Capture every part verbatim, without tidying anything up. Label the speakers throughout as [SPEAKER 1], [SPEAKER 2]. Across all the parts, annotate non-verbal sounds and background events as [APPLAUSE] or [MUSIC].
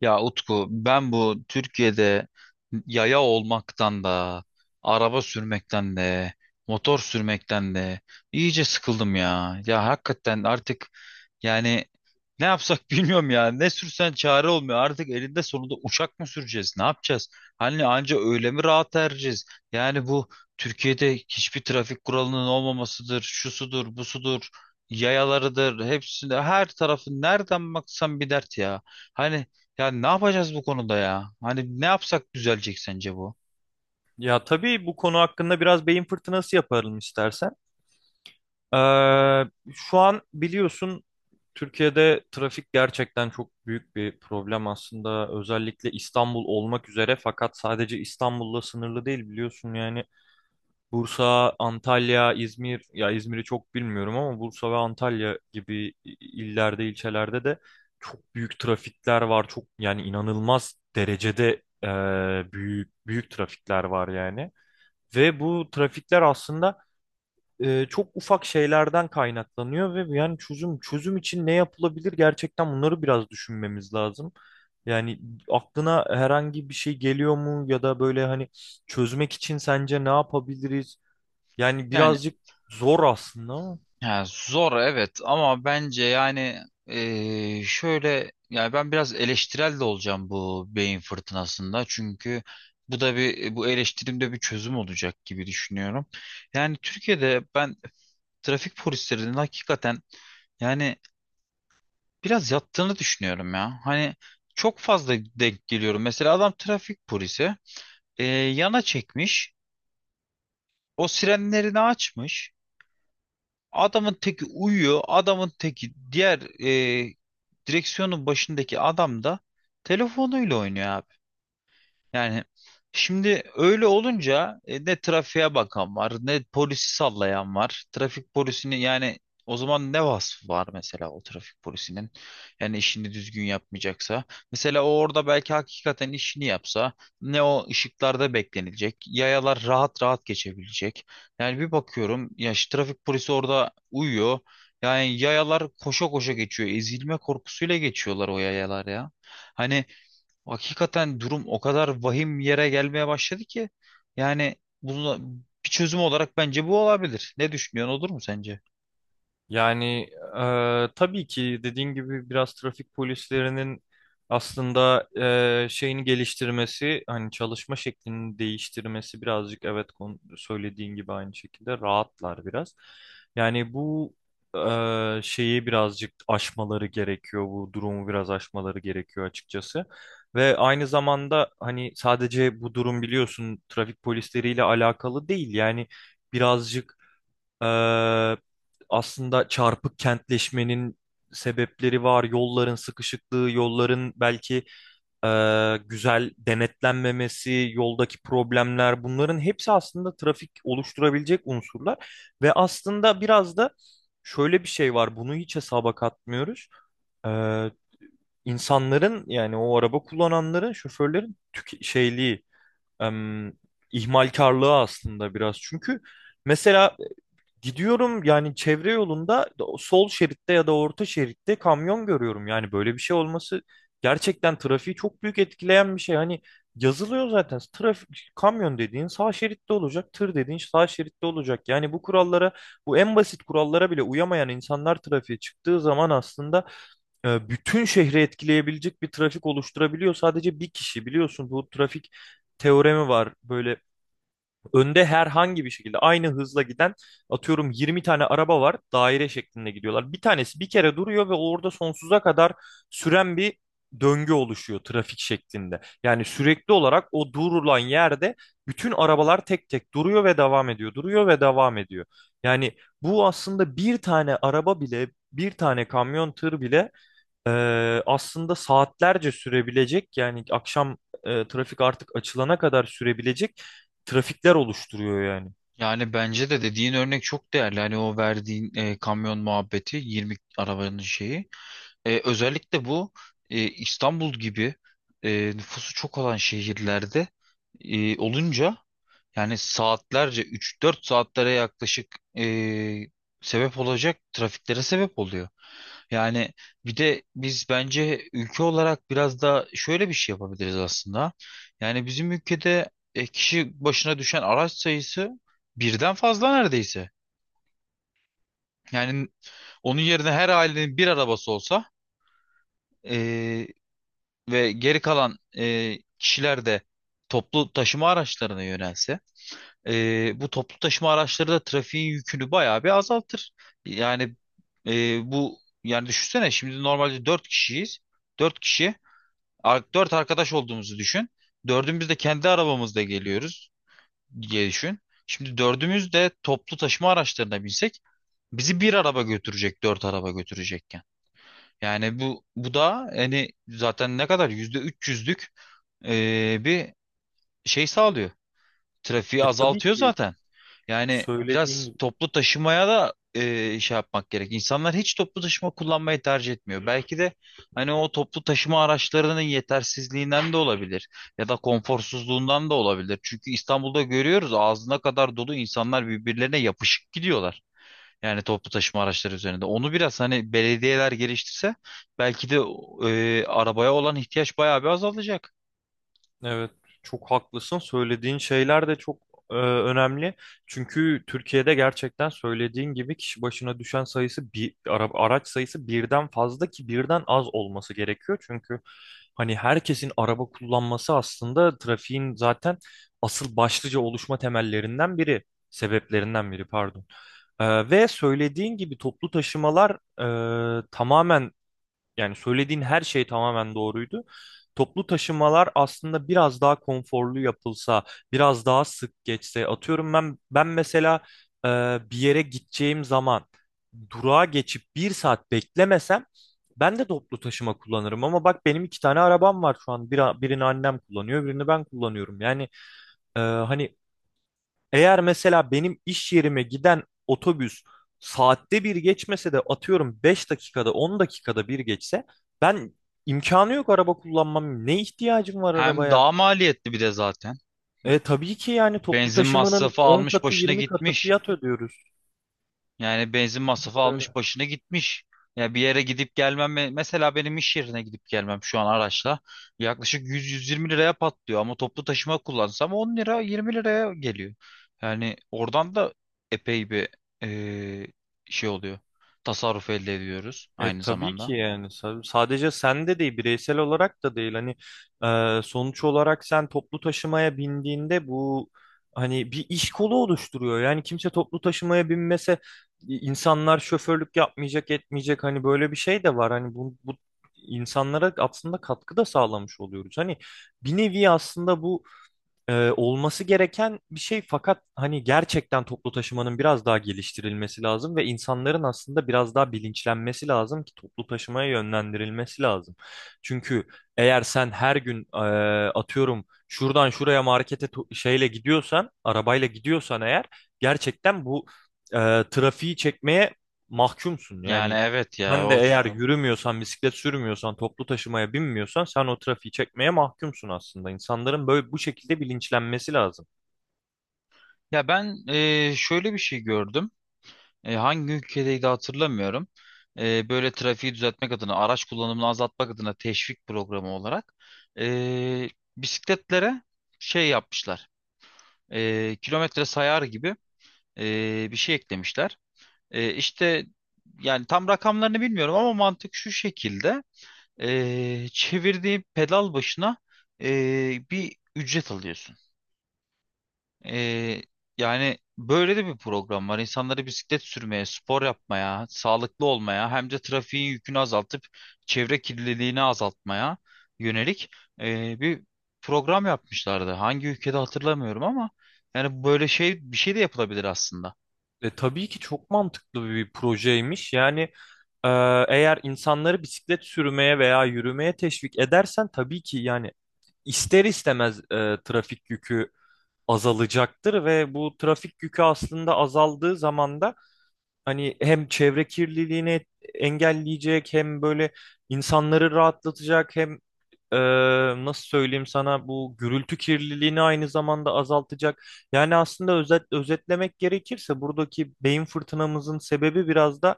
[SPEAKER 1] Ya Utku, ben bu Türkiye'de yaya olmaktan da araba sürmekten de motor sürmekten de iyice sıkıldım ya. Ya hakikaten artık yani ne yapsak [LAUGHS] bilmiyorum ya. Ne sürsen çare olmuyor. Artık elinde sonunda uçak mı süreceğiz? Ne yapacağız? Hani anca öyle mi rahat ereceğiz? Yani bu Türkiye'de hiçbir trafik kuralının olmamasıdır. Şusudur, busudur, yayalarıdır. Hepsinde her tarafı nereden baksan bir dert ya. Hani ya ne yapacağız bu konuda ya? Hani ne yapsak düzelecek sence bu?
[SPEAKER 2] Ya tabii bu konu hakkında biraz beyin fırtınası yapalım istersen. Ee, Şu an biliyorsun Türkiye'de trafik gerçekten çok büyük bir problem aslında. Özellikle İstanbul olmak üzere, fakat sadece İstanbul'la sınırlı değil biliyorsun yani. Bursa, Antalya, İzmir, ya İzmir'i çok bilmiyorum ama Bursa ve Antalya gibi illerde, ilçelerde de çok büyük trafikler var. Çok, yani inanılmaz derecede e, büyük büyük trafikler var yani. Ve bu trafikler aslında e, çok ufak şeylerden kaynaklanıyor ve yani çözüm çözüm için ne yapılabilir, gerçekten bunları biraz düşünmemiz lazım. Yani aklına herhangi bir şey geliyor mu ya da böyle hani çözmek için sence ne yapabiliriz? Yani
[SPEAKER 1] Yani
[SPEAKER 2] birazcık zor aslında ama.
[SPEAKER 1] Ya zor, evet, ama bence yani eee, şöyle, yani ben biraz eleştirel de olacağım bu beyin fırtınasında, çünkü bu da bir bu eleştirimde bir çözüm olacak gibi düşünüyorum. Yani Türkiye'de ben trafik polislerinin hakikaten yani biraz yattığını düşünüyorum ya. Hani çok fazla denk geliyorum. Mesela adam trafik polisi, eee, yana çekmiş, o sirenlerini açmış. Adamın teki uyuyor. Adamın teki diğer, e, direksiyonun başındaki adam da telefonuyla oynuyor abi. Yani şimdi öyle olunca e, ne trafiğe bakan var, ne polisi sallayan var. Trafik polisini, yani o zaman ne vasfı var mesela o trafik polisinin? Yani işini düzgün yapmayacaksa. Mesela o orada belki hakikaten işini yapsa, ne o ışıklarda beklenilecek, yayalar rahat rahat geçebilecek. Yani bir bakıyorum ya, şu trafik polisi orada uyuyor. Yani yayalar koşa koşa geçiyor. Ezilme korkusuyla geçiyorlar o yayalar ya. Hani Hakikaten durum o kadar vahim yere gelmeye başladı ki, yani bunu bir çözüm olarak bence bu olabilir. Ne düşünüyorsun, olur mu sence?
[SPEAKER 2] Yani e, tabii ki dediğin gibi biraz trafik polislerinin aslında e, şeyini geliştirmesi, hani çalışma şeklini değiştirmesi birazcık, evet, kon- söylediğin gibi aynı şekilde rahatlar biraz. Yani bu e, şeyi birazcık aşmaları gerekiyor, bu durumu biraz aşmaları gerekiyor açıkçası. Ve aynı zamanda hani sadece bu durum biliyorsun trafik polisleriyle alakalı değil yani, birazcık ee, aslında çarpık kentleşmenin sebepleri var. Yolların sıkışıklığı, yolların belki e, güzel denetlenmemesi, yoldaki problemler, bunların hepsi aslında trafik oluşturabilecek unsurlar. Ve aslında biraz da şöyle bir şey var. Bunu hiç hesaba katmıyoruz. Ee, insanların yani, o araba kullananların, şoförlerin tüke- şeyliği, em, ihmalkarlığı aslında biraz. Çünkü mesela gidiyorum yani çevre yolunda, o sol şeritte ya da orta şeritte kamyon görüyorum. Yani böyle bir şey olması gerçekten trafiği çok büyük etkileyen bir şey. Hani yazılıyor zaten trafik, kamyon dediğin sağ şeritte olacak, tır dediğin sağ şeritte olacak. Yani bu kurallara, bu en basit kurallara bile uyamayan insanlar trafiğe çıktığı zaman aslında e, bütün şehri etkileyebilecek bir trafik oluşturabiliyor. Sadece bir kişi. Biliyorsun, bu trafik teoremi var. Böyle önde herhangi bir şekilde aynı hızla giden, atıyorum, yirmi tane araba var, daire şeklinde gidiyorlar. Bir tanesi bir kere duruyor ve orada sonsuza kadar süren bir döngü oluşuyor trafik şeklinde. Yani sürekli olarak o durulan yerde bütün arabalar tek tek duruyor ve devam ediyor, duruyor ve devam ediyor. Yani bu aslında bir tane araba bile, bir tane kamyon, tır bile ee, aslında saatlerce sürebilecek, yani akşam e, trafik artık açılana kadar sürebilecek trafikler oluşturuyor yani.
[SPEAKER 1] Yani bence de dediğin örnek çok değerli. Hani o verdiğin e, kamyon muhabbeti, yirmi arabanın şeyi. E, özellikle bu e, İstanbul gibi e, nüfusu çok olan şehirlerde e, olunca yani saatlerce, üç dört saatlere yaklaşık e, sebep olacak trafiklere sebep oluyor. Yani bir de biz bence ülke olarak biraz da şöyle bir şey yapabiliriz aslında. Yani bizim ülkede e, kişi başına düşen araç sayısı birden fazla neredeyse. Yani onun yerine her ailenin bir arabası olsa e, ve geri kalan e, kişiler de toplu taşıma araçlarına yönelse, e, bu toplu taşıma araçları da trafiğin yükünü bayağı bir azaltır. Yani e, bu Yani düşünsene, şimdi normalde dört kişiyiz. Dört kişi, ar- dört arkadaş olduğumuzu düşün. Dördümüz de kendi arabamızla geliyoruz diye düşün. Şimdi dördümüz de toplu taşıma araçlarına binsek, bizi bir araba götürecek, dört araba götürecek. Yani bu bu da hani zaten ne kadar, yüzde üç yüzlük eee, bir şey sağlıyor. Trafiği
[SPEAKER 2] E, tabii
[SPEAKER 1] azaltıyor
[SPEAKER 2] ki
[SPEAKER 1] zaten. Yani
[SPEAKER 2] söylediğin
[SPEAKER 1] biraz
[SPEAKER 2] gibi.
[SPEAKER 1] toplu taşımaya da eee, şey yapmak gerek. İnsanlar hiç toplu taşıma kullanmayı tercih etmiyor. Belki de hani o toplu taşıma araçlarının yetersizliğinden de olabilir ya da konforsuzluğundan da olabilir. Çünkü İstanbul'da görüyoruz, ağzına kadar dolu, insanlar birbirlerine yapışık gidiyorlar. Yani toplu taşıma araçları üzerinde. Onu biraz hani belediyeler geliştirse, belki de e, arabaya olan ihtiyaç bayağı bir azalacak.
[SPEAKER 2] Evet, çok haklısın. Söylediğin şeyler de çok e, önemli. Çünkü Türkiye'de gerçekten söylediğin gibi kişi başına düşen sayısı, bir ara- araç sayısı birden fazla, ki birden az olması gerekiyor. Çünkü hani herkesin araba kullanması aslında trafiğin zaten asıl başlıca oluşma temellerinden biri, sebeplerinden biri pardon. E, ve söylediğin gibi toplu taşımalar e, tamamen, yani söylediğin her şey tamamen doğruydu. Toplu taşımalar aslında biraz daha konforlu yapılsa, biraz daha sık geçse. Atıyorum, ben ben mesela e, bir yere gideceğim zaman durağa geçip bir saat beklemesem ben de toplu taşıma kullanırım. Ama bak, benim iki tane arabam var şu an. Bir, birini annem kullanıyor, birini ben kullanıyorum. Yani e, hani eğer mesela benim iş yerime giden otobüs saatte bir geçmese de, atıyorum, beş dakikada, on dakikada bir geçse, ben imkanı yok araba kullanmam. Ne ihtiyacım var
[SPEAKER 1] Hem
[SPEAKER 2] arabaya?
[SPEAKER 1] daha maliyetli bir de zaten.
[SPEAKER 2] E, tabii ki yani toplu
[SPEAKER 1] Benzin
[SPEAKER 2] taşımanın
[SPEAKER 1] masrafı
[SPEAKER 2] on
[SPEAKER 1] almış
[SPEAKER 2] katı
[SPEAKER 1] başına
[SPEAKER 2] yirmi katı
[SPEAKER 1] gitmiş.
[SPEAKER 2] fiyat ödüyoruz.
[SPEAKER 1] Yani benzin masrafı almış başına gitmiş. Ya bir yere gidip gelmem, me- mesela benim iş yerine gidip gelmem şu an araçla yaklaşık yüz, yüz yirmi liraya patlıyor, ama toplu taşıma kullansam on lira yirmi liraya geliyor. Yani oradan da epey bir eee, şey oluyor. Tasarruf elde ediyoruz
[SPEAKER 2] E,
[SPEAKER 1] aynı
[SPEAKER 2] tabii ki
[SPEAKER 1] zamanda.
[SPEAKER 2] yani Sa- sadece sende değil, bireysel olarak da değil hani e, sonuç olarak sen toplu taşımaya bindiğinde bu hani bir iş kolu oluşturuyor. Yani kimse toplu taşımaya binmese i- insanlar şoförlük yapmayacak, etmeyecek. Hani böyle bir şey de var, hani bu, bu insanlara aslında katkı da sağlamış oluyoruz. Hani bir nevi aslında bu e, olması gereken bir şey, fakat hani gerçekten toplu taşımanın biraz daha geliştirilmesi lazım ve insanların aslında biraz daha bilinçlenmesi lazım ki toplu taşımaya yönlendirilmesi lazım. Çünkü eğer sen her gün e, atıyorum şuradan şuraya markete to- şeyle gidiyorsan, arabayla gidiyorsan eğer, gerçekten bu e, trafiği çekmeye mahkumsun.
[SPEAKER 1] Yani
[SPEAKER 2] Yani
[SPEAKER 1] evet ya
[SPEAKER 2] sen de
[SPEAKER 1] o
[SPEAKER 2] eğer yürümüyorsan, bisiklet sürmüyorsan, toplu taşımaya binmiyorsan, sen o trafiği çekmeye mahkumsun aslında. İnsanların böyle bu şekilde bilinçlenmesi lazım.
[SPEAKER 1] Ya ben, eee, şöyle bir şey gördüm. E, hangi ülkedeydi hatırlamıyorum. E, böyle trafiği düzeltmek adına, araç kullanımını azaltmak adına, teşvik programı olarak e, bisikletlere şey yapmışlar. E, kilometre sayar gibi e, bir şey eklemişler. E, işte yani tam rakamlarını bilmiyorum ama mantık şu şekilde. E, çevirdiğin pedal başına e, bir ücret alıyorsun. Ee, Yani böyle de bir program var. İnsanları bisiklet sürmeye, spor yapmaya, sağlıklı olmaya, hem de trafiğin yükünü azaltıp çevre kirliliğini azaltmaya yönelik ee, bir program yapmışlardı. Hangi ülkede hatırlamıyorum ama yani böyle şey bir şey de yapılabilir aslında.
[SPEAKER 2] E, tabii ki çok mantıklı bir projeymiş. Yani e, eğer insanları bisiklet sürmeye veya yürümeye teşvik edersen tabii ki yani ister istemez e, trafik yükü azalacaktır ve bu trafik yükü aslında azaldığı zaman da hani hem çevre kirliliğini engelleyecek, hem böyle insanları rahatlatacak, hem Ee, nasıl söyleyeyim sana, bu gürültü kirliliğini aynı zamanda azaltacak. Yani aslında özet, özetlemek gerekirse buradaki beyin fırtınamızın sebebi biraz da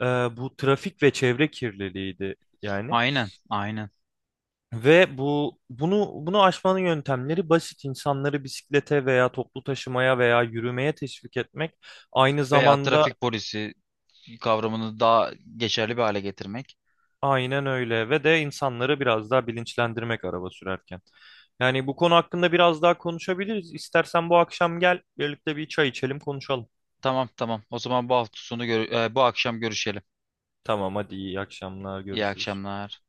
[SPEAKER 2] e, bu trafik ve çevre kirliliğiydi yani.
[SPEAKER 1] Aynen, aynen.
[SPEAKER 2] Ve bu bunu bunu aşmanın yöntemleri basit: insanları bisiklete veya toplu taşımaya veya yürümeye teşvik etmek. Aynı
[SPEAKER 1] Veya
[SPEAKER 2] zamanda
[SPEAKER 1] trafik polisi kavramını daha geçerli bir hale getirmek.
[SPEAKER 2] aynen öyle, ve de insanları biraz daha bilinçlendirmek araba sürerken. Yani bu konu hakkında biraz daha konuşabiliriz. İstersen bu akşam gel, birlikte bir çay içelim, konuşalım.
[SPEAKER 1] Tamam, tamam. O zaman bu hafta sonu gör- e, bu akşam görüşelim.
[SPEAKER 2] Tamam, hadi, iyi akşamlar,
[SPEAKER 1] İyi
[SPEAKER 2] görüşürüz.
[SPEAKER 1] akşamlar.